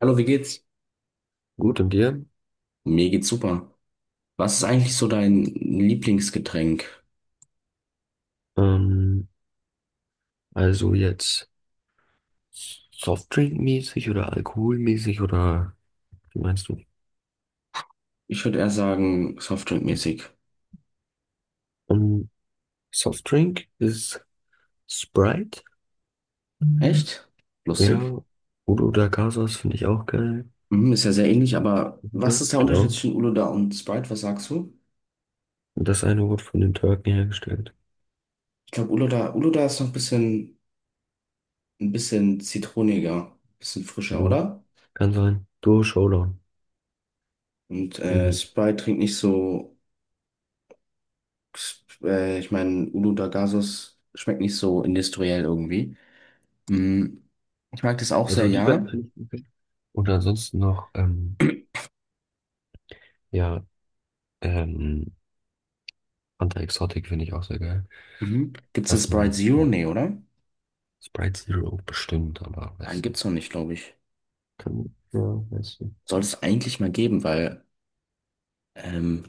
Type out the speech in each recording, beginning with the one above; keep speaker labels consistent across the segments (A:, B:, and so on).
A: Hallo, wie geht's?
B: Gut, und dir?
A: Mir geht's super. Was ist eigentlich so dein Lieblingsgetränk?
B: Ähm, also jetzt Softdrink-mäßig oder alkoholmäßig oder wie meinst du?
A: Ich würde eher sagen, Softdrinkmäßig.
B: Ähm, Softdrink ist Sprite,
A: Echt?
B: ja.
A: Lustig.
B: Udo da Casas finde ich auch geil.
A: Mhm, ist ja sehr ähnlich, aber was
B: Ja,
A: ist der Unterschied
B: genau.
A: zwischen Uluda und Sprite? Was sagst du?
B: Und das eine wurde von den Türken hergestellt.
A: Ich glaube, Uluda ist noch ein bisschen zitroniger, ein bisschen frischer,
B: Mhm.
A: oder?
B: Kann sein. Duo Showdown.
A: Und
B: Ähm,
A: Sprite trinkt nicht so, ich meine, Uluda Gasos schmeckt nicht so industriell irgendwie. Mhm. Ich mag das auch sehr,
B: also die beiden
A: ja.
B: finde ich okay. Und ansonsten noch, ja, ähm, Fanta Exotic finde ich auch sehr geil.
A: Mhm. Gibt's
B: Das
A: eine
B: ist
A: Sprite
B: mein
A: Zero? Nee, oder?
B: Sprite Zero bestimmt, aber
A: Nein,
B: weiß nicht.
A: gibt's noch nicht, glaube ich.
B: Kann, ja, weiß nicht.
A: Sollte es eigentlich mal geben, weil ähm,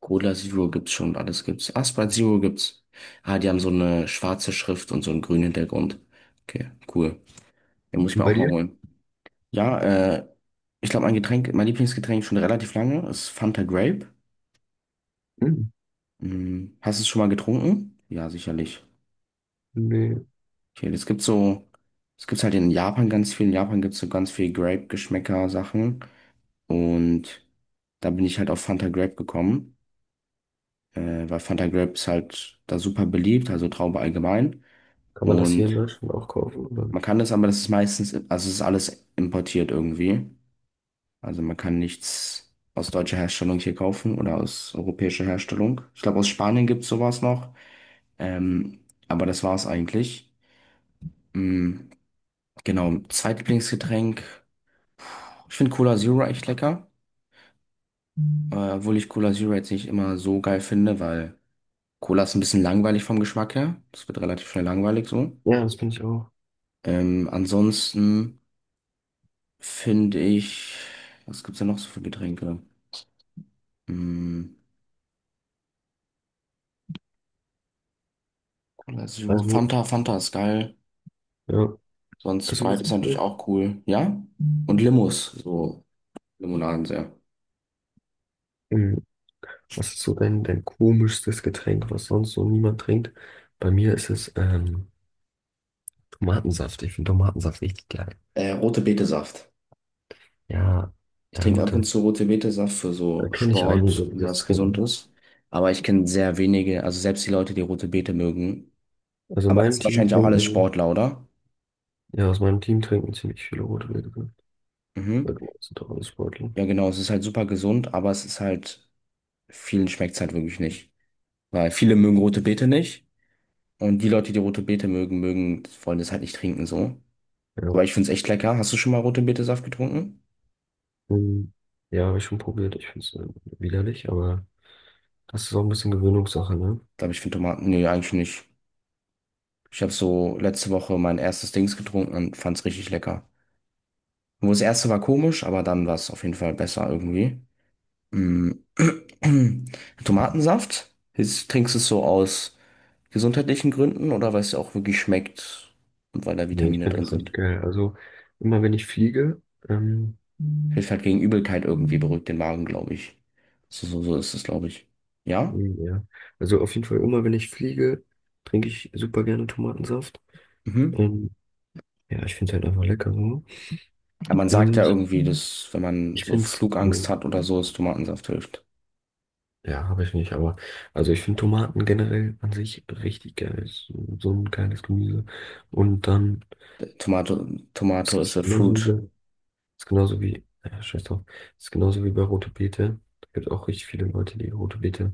A: Cola Zero gibt's schon, alles gibt's. Ah, Sprite Zero gibt's. Ah, die haben so eine schwarze Schrift und so einen grünen Hintergrund. Okay, cool. Den muss ich
B: Und
A: mir
B: bei
A: auch mal
B: dir?
A: holen. Ja, ich glaube, mein Getränk, mein Lieblingsgetränk schon relativ lange ist Fanta Grape.
B: Hm.
A: Hm, hast du es schon mal getrunken? Ja, sicherlich.
B: Nee.
A: Okay, es gibt's halt in Japan ganz viel. In Japan gibt's so ganz viel Grape-Geschmäcker-Sachen. Und da bin ich halt auf Fanta Grape gekommen. Weil Fanta Grape ist halt da super beliebt, also Traube allgemein.
B: Kann man das hier in
A: Und
B: Deutschland auch kaufen? Oder?
A: man kann das, aber das ist meistens, also es ist alles importiert irgendwie. Also man kann nichts aus deutscher Herstellung hier kaufen oder aus europäischer Herstellung. Ich glaube, aus Spanien gibt es sowas noch. Ähm, aber das war's eigentlich. Mm, genau, Zweitlieblingsgetränk. Ich finde Cola Zero echt lecker. Obwohl ich Cola Zero jetzt nicht immer so geil finde, weil Cola ist ein bisschen langweilig vom Geschmack her. Das wird relativ schnell langweilig so.
B: Ja, das bin ich auch.
A: Ansonsten finde ich, was gibt's denn noch so für Getränke? Hm, Cola Zero,
B: Also,
A: Fanta ist geil.
B: ja.
A: Sonst
B: Also, was
A: Sprite ist
B: ich
A: natürlich
B: noch?
A: auch cool. Ja? Und Limos, so Limonaden sehr.
B: Hm. Was ist so dein komischstes Getränk, was sonst so niemand trinkt? Bei mir ist es Tomatensaft. Ich finde Tomatensaft richtig geil.
A: Rote Betesaft.
B: Ja,
A: Ich
B: ja,
A: trinke
B: gut.
A: ab und
B: Da
A: zu rote Betesaft für
B: da
A: so
B: kenne ich
A: Sport
B: einige, die
A: und
B: das
A: was
B: trinken.
A: Gesundes. Aber ich kenne sehr wenige, also selbst die Leute, die rote Beete mögen.
B: Also, in
A: Aber das
B: meinem
A: sind
B: Team
A: wahrscheinlich auch alles
B: trinken,
A: Sportler, oder?
B: ja, aus meinem Team trinken ziemlich viele Rotwürste. Weil
A: Mhm.
B: du meinst, sind doch alles Sportler.
A: Ja, genau, es ist halt super gesund, aber es ist halt, vielen schmeckt es halt wirklich nicht. Weil viele mögen rote Beete nicht. Und die Leute, die rote Beete mögen, wollen das halt nicht trinken, so.
B: Ja.
A: Aber ich find's echt lecker. Hast du schon mal rote Beete-Saft getrunken?
B: Ähm, Ja, habe ich schon probiert. Ich finde es widerlich, aber das ist auch ein bisschen Gewöhnungssache, ne?
A: Glaube ich, finde Tomaten. Nee, eigentlich nicht. Ich habe so letzte Woche mein erstes Dings getrunken und fand's richtig lecker. Wo das erste war komisch, aber dann war's auf jeden Fall besser irgendwie. Mm. Tomatensaft? Jetzt trinkst du es so aus gesundheitlichen Gründen oder weil es dir auch wirklich schmeckt und weil da
B: Nee, ich
A: Vitamine
B: finde
A: drin
B: das echt
A: sind?
B: geil. Also immer wenn ich fliege, ähm,
A: Hilft halt gegen Übelkeit irgendwie, beruhigt den Magen, glaube ich. So ist es, glaube ich. Ja?
B: ja, also auf jeden Fall immer wenn ich fliege, trinke ich super gerne Tomatensaft.
A: Mhm.
B: Ähm, ja, ich finde es halt einfach lecker so.
A: Ja, man sagt ja
B: Und
A: irgendwie, dass wenn man
B: ich
A: so
B: finde es
A: Flugangst
B: so,
A: hat oder so, es Tomatensaft hilft.
B: ja, habe ich nicht, aber also ich finde Tomaten generell an sich richtig geil. So so ein geiles Gemüse. Und dann,
A: D- Tomato,
B: es
A: Tomato is
B: ist
A: a fruit.
B: genauso. Ist genauso wie, scheiß drauf, ist genauso wie bei Rote Beete. Es gibt auch richtig viele Leute, die Rote Beete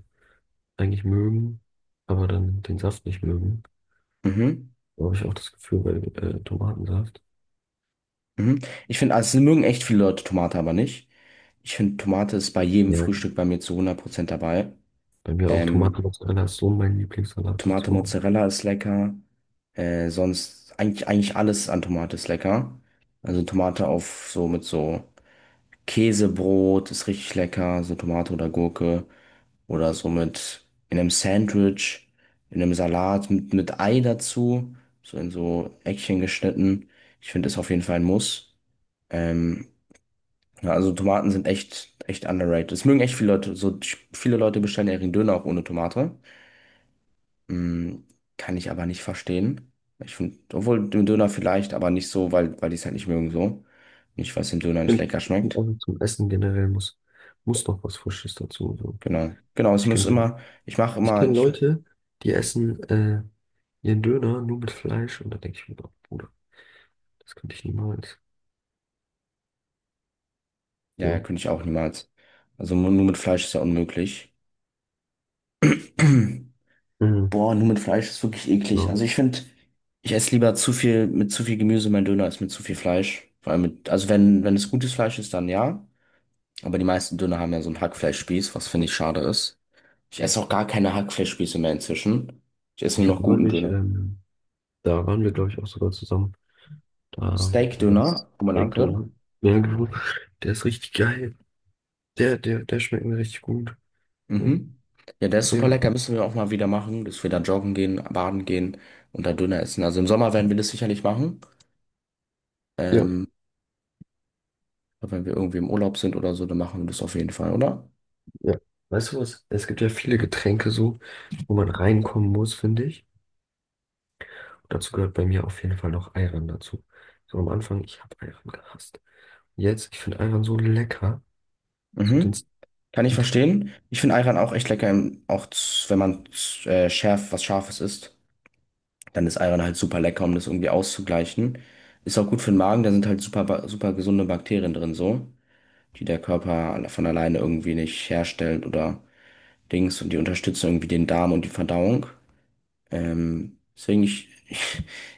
B: eigentlich mögen, aber dann den Saft nicht mögen.
A: Mhm.
B: Da habe ich auch das Gefühl bei Tomatensaft.
A: Mhm. Ich finde, also es mögen echt viele Leute Tomate, aber nicht. Ich finde, Tomate ist bei jedem
B: Ja,
A: Frühstück bei mir zu 100% dabei.
B: bei mir auch
A: Ähm,
B: Tomatenmozzarella ist so mein Lieblingssalat
A: Tomate
B: bezogen.
A: Mozzarella ist lecker. Sonst eigentlich alles an Tomate ist lecker. Also Tomate auf so mit so Käsebrot ist richtig lecker, so Tomate oder Gurke oder so mit in einem Sandwich, in einem Salat mit Ei dazu, so in so Eckchen geschnitten. Ich finde das auf jeden Fall ein Muss. Ähm, ja, also Tomaten sind echt, echt underrated. Das mögen echt viele Leute. So viele Leute bestellen ja ihren Döner auch ohne Tomate. Mm, Kann ich aber nicht verstehen. Ich finde, obwohl den Döner vielleicht, aber nicht so, weil die es halt nicht mögen so. Nicht, weil es dem Döner
B: Ich
A: nicht
B: finde
A: lecker
B: Find
A: schmeckt.
B: auch zum Essen generell muss noch was Frisches dazu. So.
A: Genau. Genau, es
B: Ich
A: muss
B: könnte,
A: immer, ich mache
B: Ich
A: immer,
B: kenne
A: ich,
B: Leute, die essen ihren Döner nur mit Fleisch und da denke ich mir, oh, Bruder, das könnte ich niemals.
A: ja, ja,
B: So.
A: könnte ich auch niemals. Also nur mit Fleisch ist ja unmöglich.
B: Mhm.
A: Boah, nur mit Fleisch ist wirklich eklig.
B: Ja.
A: Also ich finde, ich esse lieber zu viel, mit zu viel Gemüse mein Döner als mit zu viel Fleisch. Vor allem mit, also wenn es gutes Fleisch ist, dann ja. Aber die meisten Döner haben ja so einen Hackfleischspieß, was finde ich schade ist. Ich esse auch gar keine Hackfleischspieße mehr inzwischen. Ich esse
B: Ich
A: nur noch
B: habe
A: guten
B: neulich
A: Döner.
B: da waren wir, glaube ich, auch sogar zusammen. Da, wo du
A: Steak-Döner,
B: warst. Direkt,
A: Oberlanke,
B: oder? Ja, genau. Der ist richtig geil. Der schmeckt mir richtig gut.
A: Mhm. Ja, der ist super
B: Ja,
A: lecker, müssen wir auch mal wieder machen, dass wir da joggen gehen, baden gehen und da Döner essen. Also im Sommer werden wir das sicherlich machen.
B: ja,
A: Ähm, aber wenn wir irgendwie im Urlaub sind oder so, dann machen wir das auf jeden Fall, oder?
B: ja. Weißt du was? Es gibt ja viele Getränke so, wo man reinkommen muss, finde ich. Dazu gehört bei mir auf jeden Fall noch Ayran dazu. So am Anfang, ich habe Ayran gehasst. Jetzt, ich finde Ayran so lecker. So den,
A: Mhm. Kann ich
B: den Trink
A: verstehen. Ich finde Ayran auch echt lecker, wenn man was Scharfes isst, dann ist Ayran halt super lecker, um das irgendwie auszugleichen. Ist auch gut für den Magen, da sind halt super gesunde Bakterien drin, so, die der Körper von alleine irgendwie nicht herstellt oder. Dings und die unterstützen irgendwie den Darm und die Verdauung. Deswegen,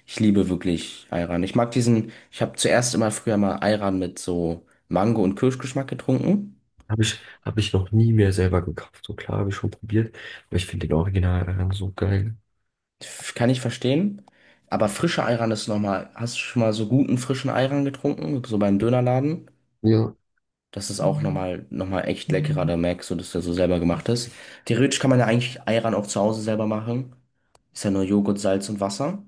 A: ich liebe wirklich Ayran. Ich mag diesen, ich habe zuerst immer früher mal Ayran mit so Mango- und Kirschgeschmack getrunken.
B: hab ich noch nie mehr selber gekauft. So klar, habe ich schon probiert. Aber ich finde den Original Ayran so geil.
A: Kann ich verstehen. Aber frischer Ayran ist nochmal, hast du schon mal so guten frischen Ayran getrunken, so beim Dönerladen?
B: Ja,
A: Das ist auch nochmal echt leckerer, da merkst du, dass der so selber gemacht ist. Theoretisch kann man ja eigentlich Ayran auch zu Hause selber machen. Ist ja nur Joghurt, Salz und Wasser.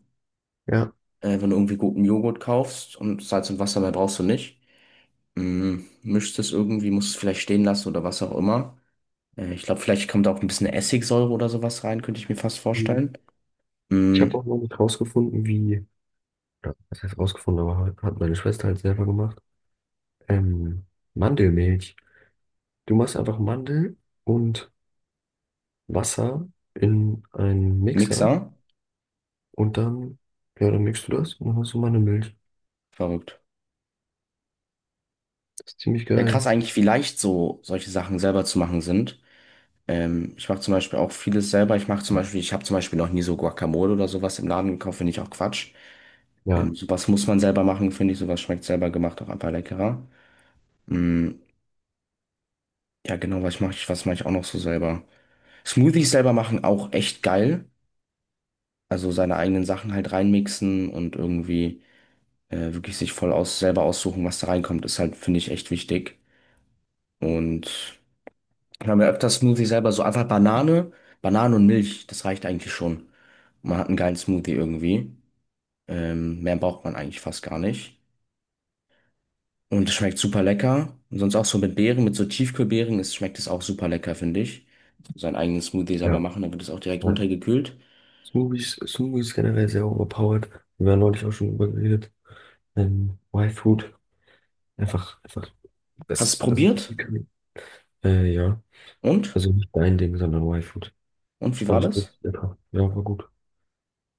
B: ja.
A: Wenn du irgendwie guten Joghurt kaufst und Salz und Wasser mehr brauchst du nicht. Mischst es irgendwie, musst es vielleicht stehen lassen oder was auch immer. Ich glaube, vielleicht kommt auch ein bisschen Essigsäure oder sowas rein, könnte ich mir fast vorstellen.
B: Ich
A: Mm,
B: habe auch noch nicht rausgefunden, wie, oder was heißt rausgefunden, aber hat meine Schwester halt selber gemacht. Ähm, Mandelmilch. Du machst einfach Mandel und Wasser in einen Mixer
A: Mixer?
B: und dann, ja, dann mixt du das und dann hast du Mandelmilch.
A: Verrückt.
B: Das ist ziemlich
A: Ja, krass
B: geil.
A: eigentlich, wie leicht so solche Sachen selber zu machen sind. Ich mache zum Beispiel auch vieles selber. Ich habe zum Beispiel noch nie so Guacamole oder sowas im Laden gekauft, finde ich auch Quatsch.
B: Ja,
A: Sowas muss man selber machen, finde ich. Sowas schmeckt selber gemacht auch einfach leckerer. Mm, ja, genau, was mache ich auch noch so selber? Smoothies selber machen auch echt geil. Also seine eigenen Sachen halt reinmixen und irgendwie wirklich sich voll aus selber aussuchen, was da reinkommt, ist halt, finde ich, echt wichtig. Und wir haben ja öfters Smoothie selber so einfach Banane, Banane und Milch, das reicht eigentlich schon. Man hat einen geilen Smoothie irgendwie. Mehr braucht man eigentlich fast gar nicht. Und es schmeckt super lecker. Und sonst auch so mit Beeren, mit so Tiefkühlbeeren, ist, schmeckt es auch super lecker, finde ich. Seinen eigenen Smoothie selber
B: ja,
A: machen, dann wird es auch direkt
B: ja.
A: runtergekühlt.
B: Smoothies, Smoothies generell sehr overpowered. Wir haben neulich auch schon drüber geredet. Y-Food, einfach,
A: Hast du es
B: das sind
A: probiert?
B: Vitamine. Ja,
A: Und?
B: also nicht dein Ding, sondern Y-Food.
A: Und
B: Das
A: wie war
B: fand ich
A: das?
B: wirklich lecker. Ja, war gut.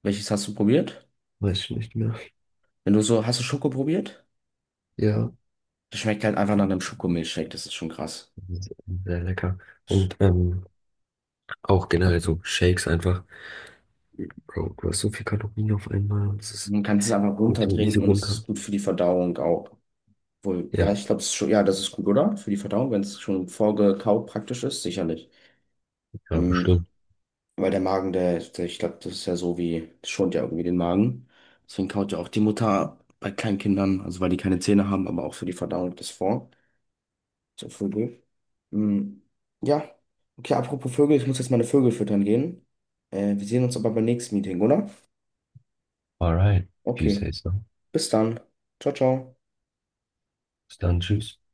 A: Welches hast du probiert?
B: Weiß ich nicht mehr.
A: Wenn du so, hast du Schoko probiert?
B: Ja,
A: Das schmeckt halt einfach nach einem Schokomilchshake, das ist schon krass.
B: sehr sehr lecker. Und auch generell so Shakes einfach. Bro, du hast so viel Kalorien auf einmal und es ist
A: Man kann es einfach
B: geht so easy
A: runtertrinken und es
B: runter.
A: ist gut für die Verdauung auch. Wohl, ja,
B: Ja,
A: ich glaube, schon, ja, das ist gut, oder? Für die Verdauung, wenn es schon vorgekaut praktisch ist, sicherlich.
B: ja,
A: Mhm.
B: bestimmt.
A: Weil der Magen, der ich glaube, das ist ja so wie, das schont ja irgendwie den Magen. Deswegen kaut ja auch die Mutter bei kleinen Kindern, also weil die keine Zähne haben, aber auch für die Verdauung das vor. So, Vögel. Hm, ja. Okay, apropos Vögel, ich muss jetzt meine Vögel füttern gehen. Wir sehen uns aber beim nächsten Meeting, oder?
B: Alright, if you
A: Okay.
B: say so.
A: Bis dann. Ciao, ciao.
B: Bis dann, tschüss.